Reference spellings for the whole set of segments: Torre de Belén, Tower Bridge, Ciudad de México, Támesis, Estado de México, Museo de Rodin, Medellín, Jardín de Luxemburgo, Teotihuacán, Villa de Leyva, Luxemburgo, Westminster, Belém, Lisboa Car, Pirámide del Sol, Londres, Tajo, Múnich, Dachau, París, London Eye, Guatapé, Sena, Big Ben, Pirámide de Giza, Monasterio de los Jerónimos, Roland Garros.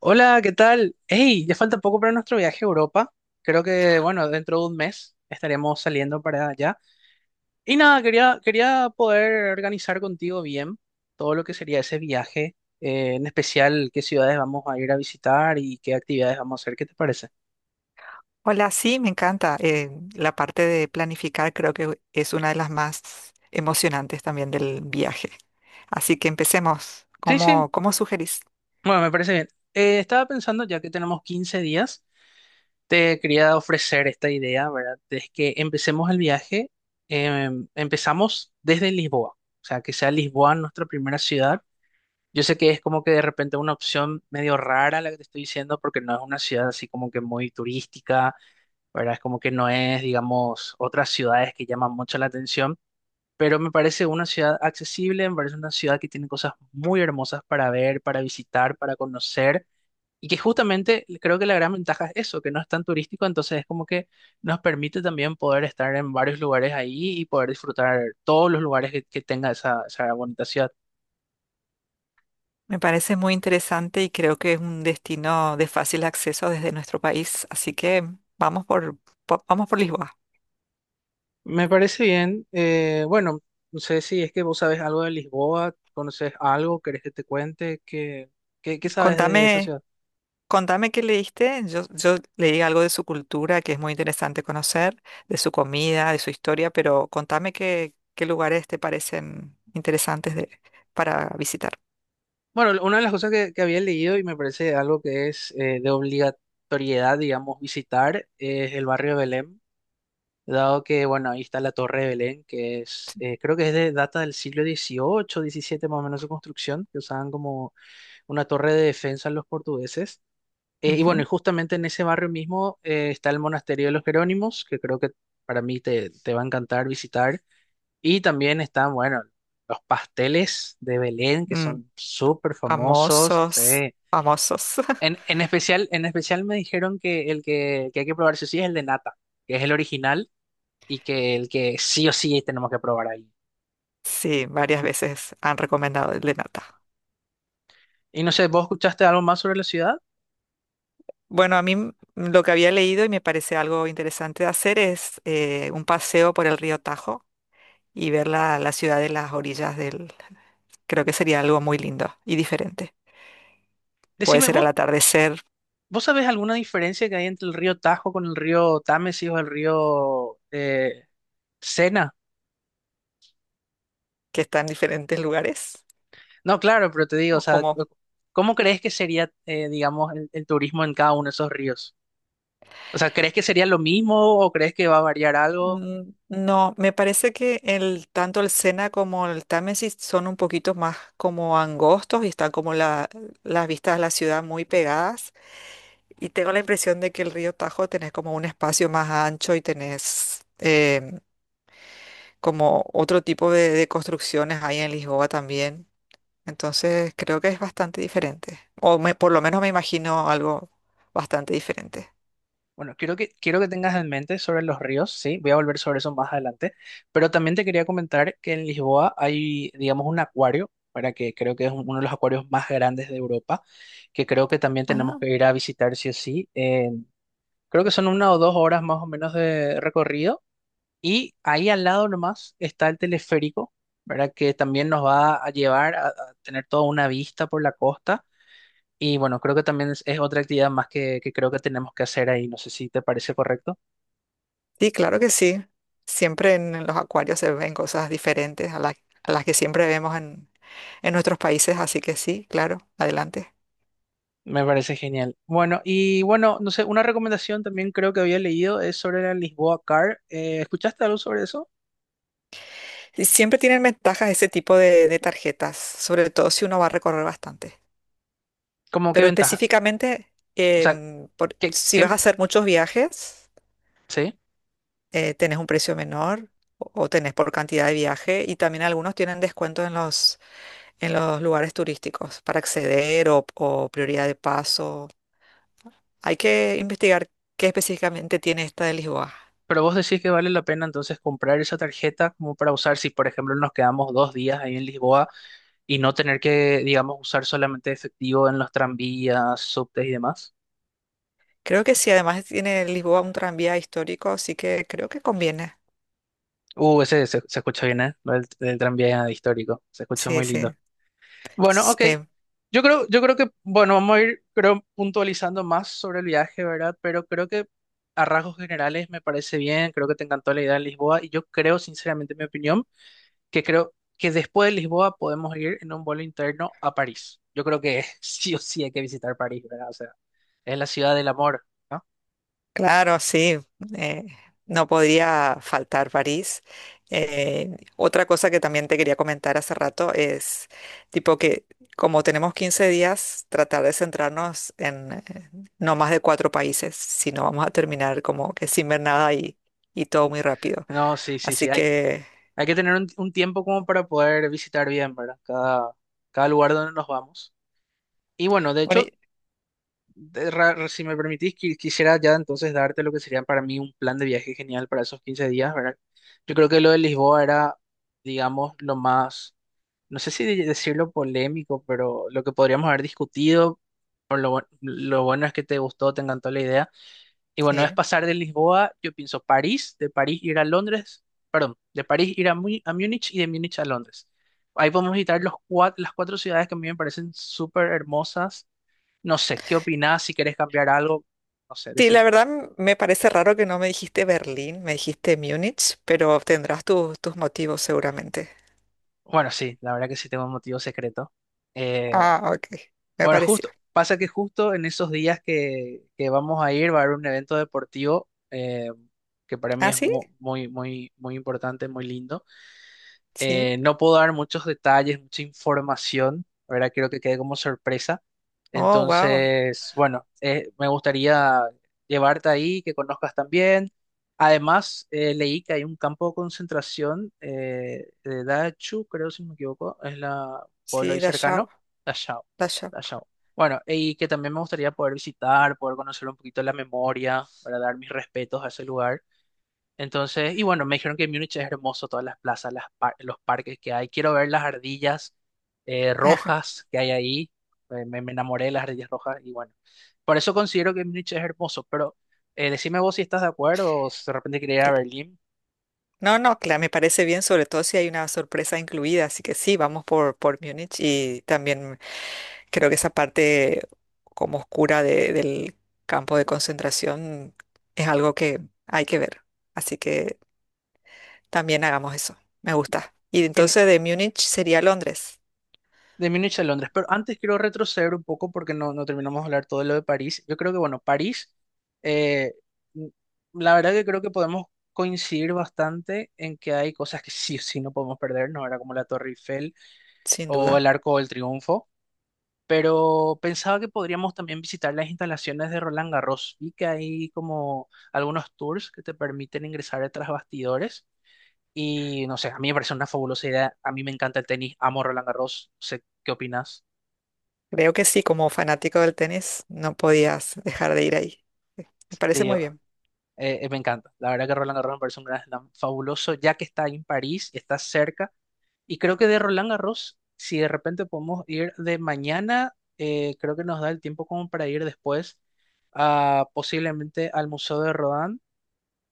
Hola, ¿qué tal? Hey, ya falta poco para nuestro viaje a Europa. Creo que, bueno, dentro de un mes estaremos saliendo para allá. Y nada, quería poder organizar contigo bien todo lo que sería ese viaje, en especial qué ciudades vamos a ir a visitar y qué actividades vamos a hacer. ¿Qué te parece? Hola, sí, me encanta. La parte de planificar creo que es una de las más emocionantes también del viaje. Así que empecemos. Sí, sí, ¿Cómo sugerís? bueno, me parece bien. Estaba pensando, ya que tenemos 15 días, te quería ofrecer esta idea, ¿verdad? Es que empecemos el viaje, empezamos desde Lisboa, o sea, que sea Lisboa nuestra primera ciudad. Yo sé que es como que de repente una opción medio rara la que te estoy diciendo, porque no es una ciudad así como que muy turística, ¿verdad? Es como que no es, digamos, otras ciudades que llaman mucho la atención, pero me parece una ciudad accesible, me parece una ciudad que tiene cosas muy hermosas para ver, para visitar, para conocer, y que justamente creo que la gran ventaja es eso, que no es tan turístico, entonces es como que nos permite también poder estar en varios lugares ahí y poder disfrutar todos los lugares que tenga esa bonita ciudad. Me parece muy interesante y creo que es un destino de fácil acceso desde nuestro país. Así que vamos por, vamos por Lisboa. Me parece bien. Bueno, no sé si es que vos sabés algo de Lisboa, conoces algo, querés que te cuente, ¿qué sabes de esa Contame ciudad? Contame qué leíste. Yo leí algo de su cultura que es muy interesante conocer, de su comida, de su historia, pero contame qué lugares te parecen interesantes para visitar. Bueno, una de las cosas que había leído y me parece algo que es de obligatoriedad, digamos, visitar es el barrio de Belém, dado que, bueno, ahí está la Torre de Belén, que es, creo que es de data del siglo dieciocho diecisiete más o menos su construcción, que usaban como una torre de defensa los portugueses. Y bueno, y Ujú. justamente en ese barrio mismo está el Monasterio de los Jerónimos, que creo que para mí te va a encantar visitar. Y también están, bueno, los pasteles de Belén, que Mm, son súper famosos. Sí. famosos, famosos. En especial me dijeron que el que hay que probar sí o sí es el de nata, que es el original y que el que sí o sí tenemos que probar ahí. Sí, varias veces han recomendado el de nata. Y no sé, ¿vos escuchaste algo más sobre la ciudad? Bueno, lo que había leído y me parece algo interesante de hacer es un paseo por el río Tajo y ver la ciudad de las orillas del... Creo que sería algo muy lindo y diferente. Puede Decime, ser al ¿vos, atardecer, vos sabés alguna diferencia que hay entre el río Tajo con el río Támesis o el río Sena? que está en diferentes lugares, No, claro, pero te digo, o o sea, como... ¿cómo crees que sería, digamos, el turismo en cada uno de esos ríos? O sea, ¿crees que sería lo mismo o crees que va a variar algo? Mm, no, me parece que el, tanto el Sena como el Támesis son un poquito más como angostos y están como las vistas a la ciudad muy pegadas. Y tengo la impresión de que el río Tajo tenés como un espacio más ancho y tenés como otro tipo de construcciones ahí en Lisboa también. Entonces creo que es bastante diferente. Por lo menos me imagino algo bastante diferente. Bueno, quiero que tengas en mente sobre los ríos, sí, voy a volver sobre eso más adelante, pero también te quería comentar que en Lisboa hay, digamos, un acuario, para que creo que es uno de los acuarios más grandes de Europa, que creo que también tenemos que ir a visitar sí o sí. Creo que son 1 o 2 horas más o menos de recorrido y ahí al lado nomás está el teleférico, ¿verdad? Que también nos va a llevar a tener toda una vista por la costa. Y bueno, creo que también es otra actividad más que creo que tenemos que hacer ahí. No sé si te parece correcto. Sí, claro que sí. Siempre en los acuarios se ven cosas diferentes a las que siempre vemos en nuestros países, así que sí, claro, adelante. Me parece genial. Bueno, y bueno, no sé, una recomendación también creo que había leído es sobre la Lisboa Car. ¿Escuchaste algo sobre eso? Y siempre tienen ventajas ese tipo de tarjetas, sobre todo si uno va a recorrer bastante. ¿Cómo qué Pero ventaja? específicamente, O sea, ¿qué, si vas a hacer muchos viajes, sí? Tenés un precio menor o tenés por cantidad de viaje y también algunos tienen descuentos en en los lugares turísticos para acceder o prioridad de paso. Hay que investigar qué específicamente tiene esta de Lisboa. Pero vos decís que vale la pena entonces comprar esa tarjeta como para usar si, por ejemplo, nos quedamos 2 días ahí en Lisboa y no tener que, digamos, usar solamente efectivo en los tranvías, subtes y demás. Creo que sí, además tiene Lisboa un tranvía histórico, así que creo que conviene. Ese se escucha bien, ¿eh? Lo del el tranvía histórico. Se escucha Sí, muy sí. lindo. Bueno, S- ok. eh, Yo creo que, bueno, vamos a ir, creo, puntualizando más sobre el viaje, ¿verdad? Pero creo que a rasgos generales me parece bien, creo que te encantó la idea de Lisboa y yo creo, sinceramente, en mi opinión que creo que después de Lisboa podemos ir en un vuelo interno a París. Yo creo que sí o sí hay que visitar París, ¿verdad? O sea, es la ciudad del amor, ¿no? claro, sí. eh, no podría faltar París. Otra cosa que también te quería comentar hace rato es, tipo que como tenemos 15 días, tratar de centrarnos en no más de cuatro países, si no vamos a terminar como que sin ver nada y todo muy rápido. No, sí, sí, sí. Así Hay, que... hay que tener un tiempo como para poder visitar bien, ¿verdad? Cada lugar donde nos vamos. Y bueno, de Bueno, hecho, si me permitís, quisiera ya entonces darte lo que sería para mí un plan de viaje genial para esos 15 días, ¿verdad? Yo creo que lo de Lisboa era, digamos, lo más, no sé si decirlo polémico, pero lo que podríamos haber discutido, por lo, lo bueno es que te gustó, te encantó la idea. Y bueno, es sí. pasar de Lisboa, yo pienso París, de París ir a Londres, perdón, de París ir a Múnich y de Múnich a Londres. Ahí podemos visitar las cuatro ciudades que a mí me parecen súper hermosas. No sé, ¿qué opinás? Si querés cambiar algo, no sé, Sí, la decime. verdad m- me parece raro que no me dijiste Berlín, me dijiste Múnich, pero tendrás tus motivos seguramente. Bueno, sí, la verdad que sí tengo un motivo secreto. Eh, Ah, ok, me bueno, pareció. justo, pasa que justo en esos días que vamos a ir va a haber un evento deportivo que para mí ¿Ah, es sí? Muy, muy, muy importante, muy lindo. Sí. No puedo dar muchos detalles, mucha información, ¿verdad? Quiero que quede como sorpresa. Oh, wow. Entonces, bueno, me gustaría llevarte ahí, que conozcas también. Además, leí que hay un campo de concentración de Dachau, creo si no me equivoco, es la pueblo ahí Sí, Dachau, cercano, Dachau, Dachau. Dachau. Bueno, y que también me gustaría poder visitar, poder conocer un poquito la memoria, para dar mis respetos a ese lugar. Entonces, y bueno, me dijeron que Múnich es hermoso, todas las plazas, los parques que hay. Quiero ver las ardillas Ajá. rojas que hay ahí. Me enamoré de las ardillas rojas y bueno, por eso considero que Múnich es hermoso. Pero decime vos si estás de acuerdo o si de repente quería ir a cl- Berlín. No, no, claro, me parece bien, sobre todo si hay una sorpresa incluida, así que sí, por Múnich y también creo que esa parte como oscura del campo de concentración es algo que hay que ver. Así que... También hagamos eso. Me gusta. Y Gene- entonces de Múnich sería Londres, De Múnich a Londres, pero antes quiero retroceder un poco porque no terminamos de hablar todo lo de París. Yo creo que, bueno, París, eh, n- la verdad que creo que podemos coincidir bastante en que hay cosas que sí o sí no podemos perder, ¿no? Era como la Torre Eiffel sin o el duda. Arco del Triunfo, pero pensaba que podríamos también visitar las instalaciones de Roland Garros. Vi que hay como algunos tours que te permiten ingresar tras bastidores y no sé, a mí me parece una fabulosa idea. A mí me encanta el tenis, amo Roland Garros. No sé qué opinas. Creo que sí, como fanático del tenis, no podías dejar de ir ahí. Sí, me parece Sí, muy bien. Me encanta. La verdad que Roland Garros me parece un gran slam fabuloso, ya que está ahí en París, está cerca. Y creo que de Roland Garros, si de repente podemos ir de mañana, creo que nos da el tiempo como para ir después posiblemente al Museo de Rodin,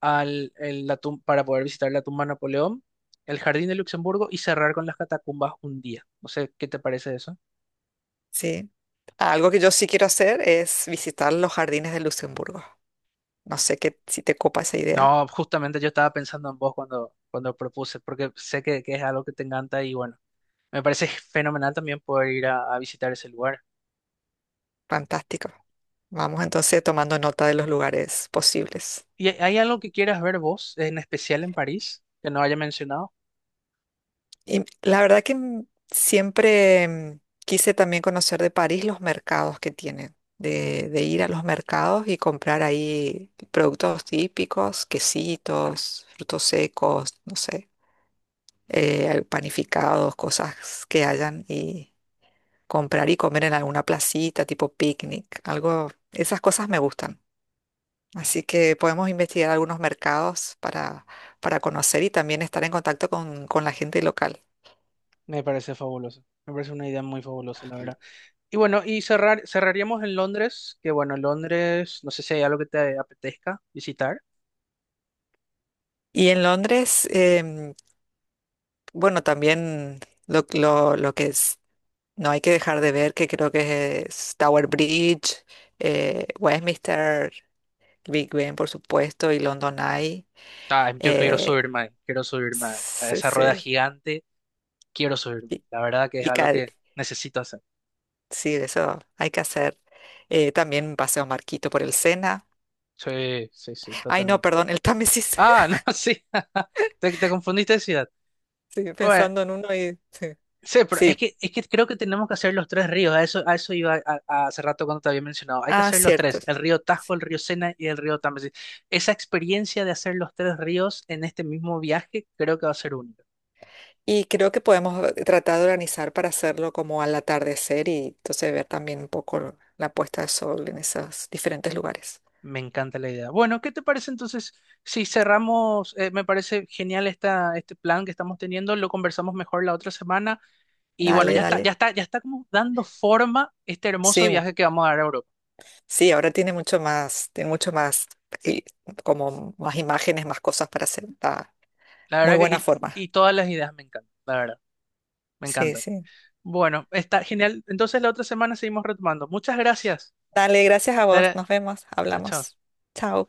al, el- la tum- para poder visitar la tumba de Napoleón, el Jardín de Luxemburgo y cerrar con las catacumbas un día. No sé, ¿qué te parece eso? Sí. Algo que yo sí quiero hacer es visitar los jardines de Luxemburgo. No sé qué, si te copa esa idea. No, justamente yo estaba pensando en vos cuando propuse, porque sé que es algo que te encanta y bueno, me parece fenomenal también poder ir a visitar ese lugar. Fantástico. Vamos entonces tomando nota de los lugares posibles. ¿Y hay algo que quieras ver vos, en especial en París, que no haya mencionado? Y la verdad que mm, siempre mm, quise también conocer de París los mercados que tienen, de ir a los mercados y comprar ahí productos típicos, quesitos, frutos secos, no sé, panificados, cosas que hayan y comprar y comer en alguna placita, tipo picnic, algo, esas cosas me gustan. Así que podemos investigar algunos mercados para conocer y también estar en contacto con la gente local. Me parece fabuloso. Me parece una idea muy fabulosa, la verdad. Y bueno, y cerraríamos en Londres, que bueno, Londres, no sé si hay algo que te apetezca visitar. Y en Londres, bueno, también lo que es, no hay que dejar de ver, que creo que es Tower Bridge, Westminster, Big Ben, por supuesto, y London Eye. Ah, yo quiero eh, subirme, ahí, quiero subirme a se- esa rueda se- gigante, quiero subirme. y, La verdad que es y algo ca- que necesito hacer. sí, eso hay que hacer. También Paseo Marquito por el Sena. Sí, sí, sí, Ay, no, totalmente. perdón, el Támesis. Ah, no, sí, te confundiste de ciudad. Estoy Bueno, pensando en uno y... Sí, sí, pero es sí. que, es que creo que tenemos que hacer los tres ríos. A eso iba hace rato cuando te había mencionado. Hay que Ah, hacer los cierto. tres, el río Tajo, Sí. el río Sena y el río Támesis. Esa experiencia de hacer los tres ríos en este mismo viaje creo que va a ser única. Y creo que podemos tratar de organizar para hacerlo como al atardecer y entonces ver también un poco la puesta de sol en esos diferentes lugares. Me encanta la idea. Bueno, ¿qué te parece entonces? Si cerramos, me parece genial este plan que estamos teniendo, lo conversamos mejor la otra semana y bueno, Dale, ya está, ya dale. está, ya está como dando forma este hermoso Sí, mm, viaje que vamos a dar a Europa. sí, ahora tiene mucho más, y como más imágenes, más cosas para hacer. Está La muy verdad que, buena y, forma. y todas las ideas me encantan, la verdad, me Sí, encantan. sí. Bueno, está genial. Entonces la otra semana seguimos retomando. Muchas gracias. Dale, gracias a vos. Eh, Nos vemos, Chao, chao. hablamos. Chao.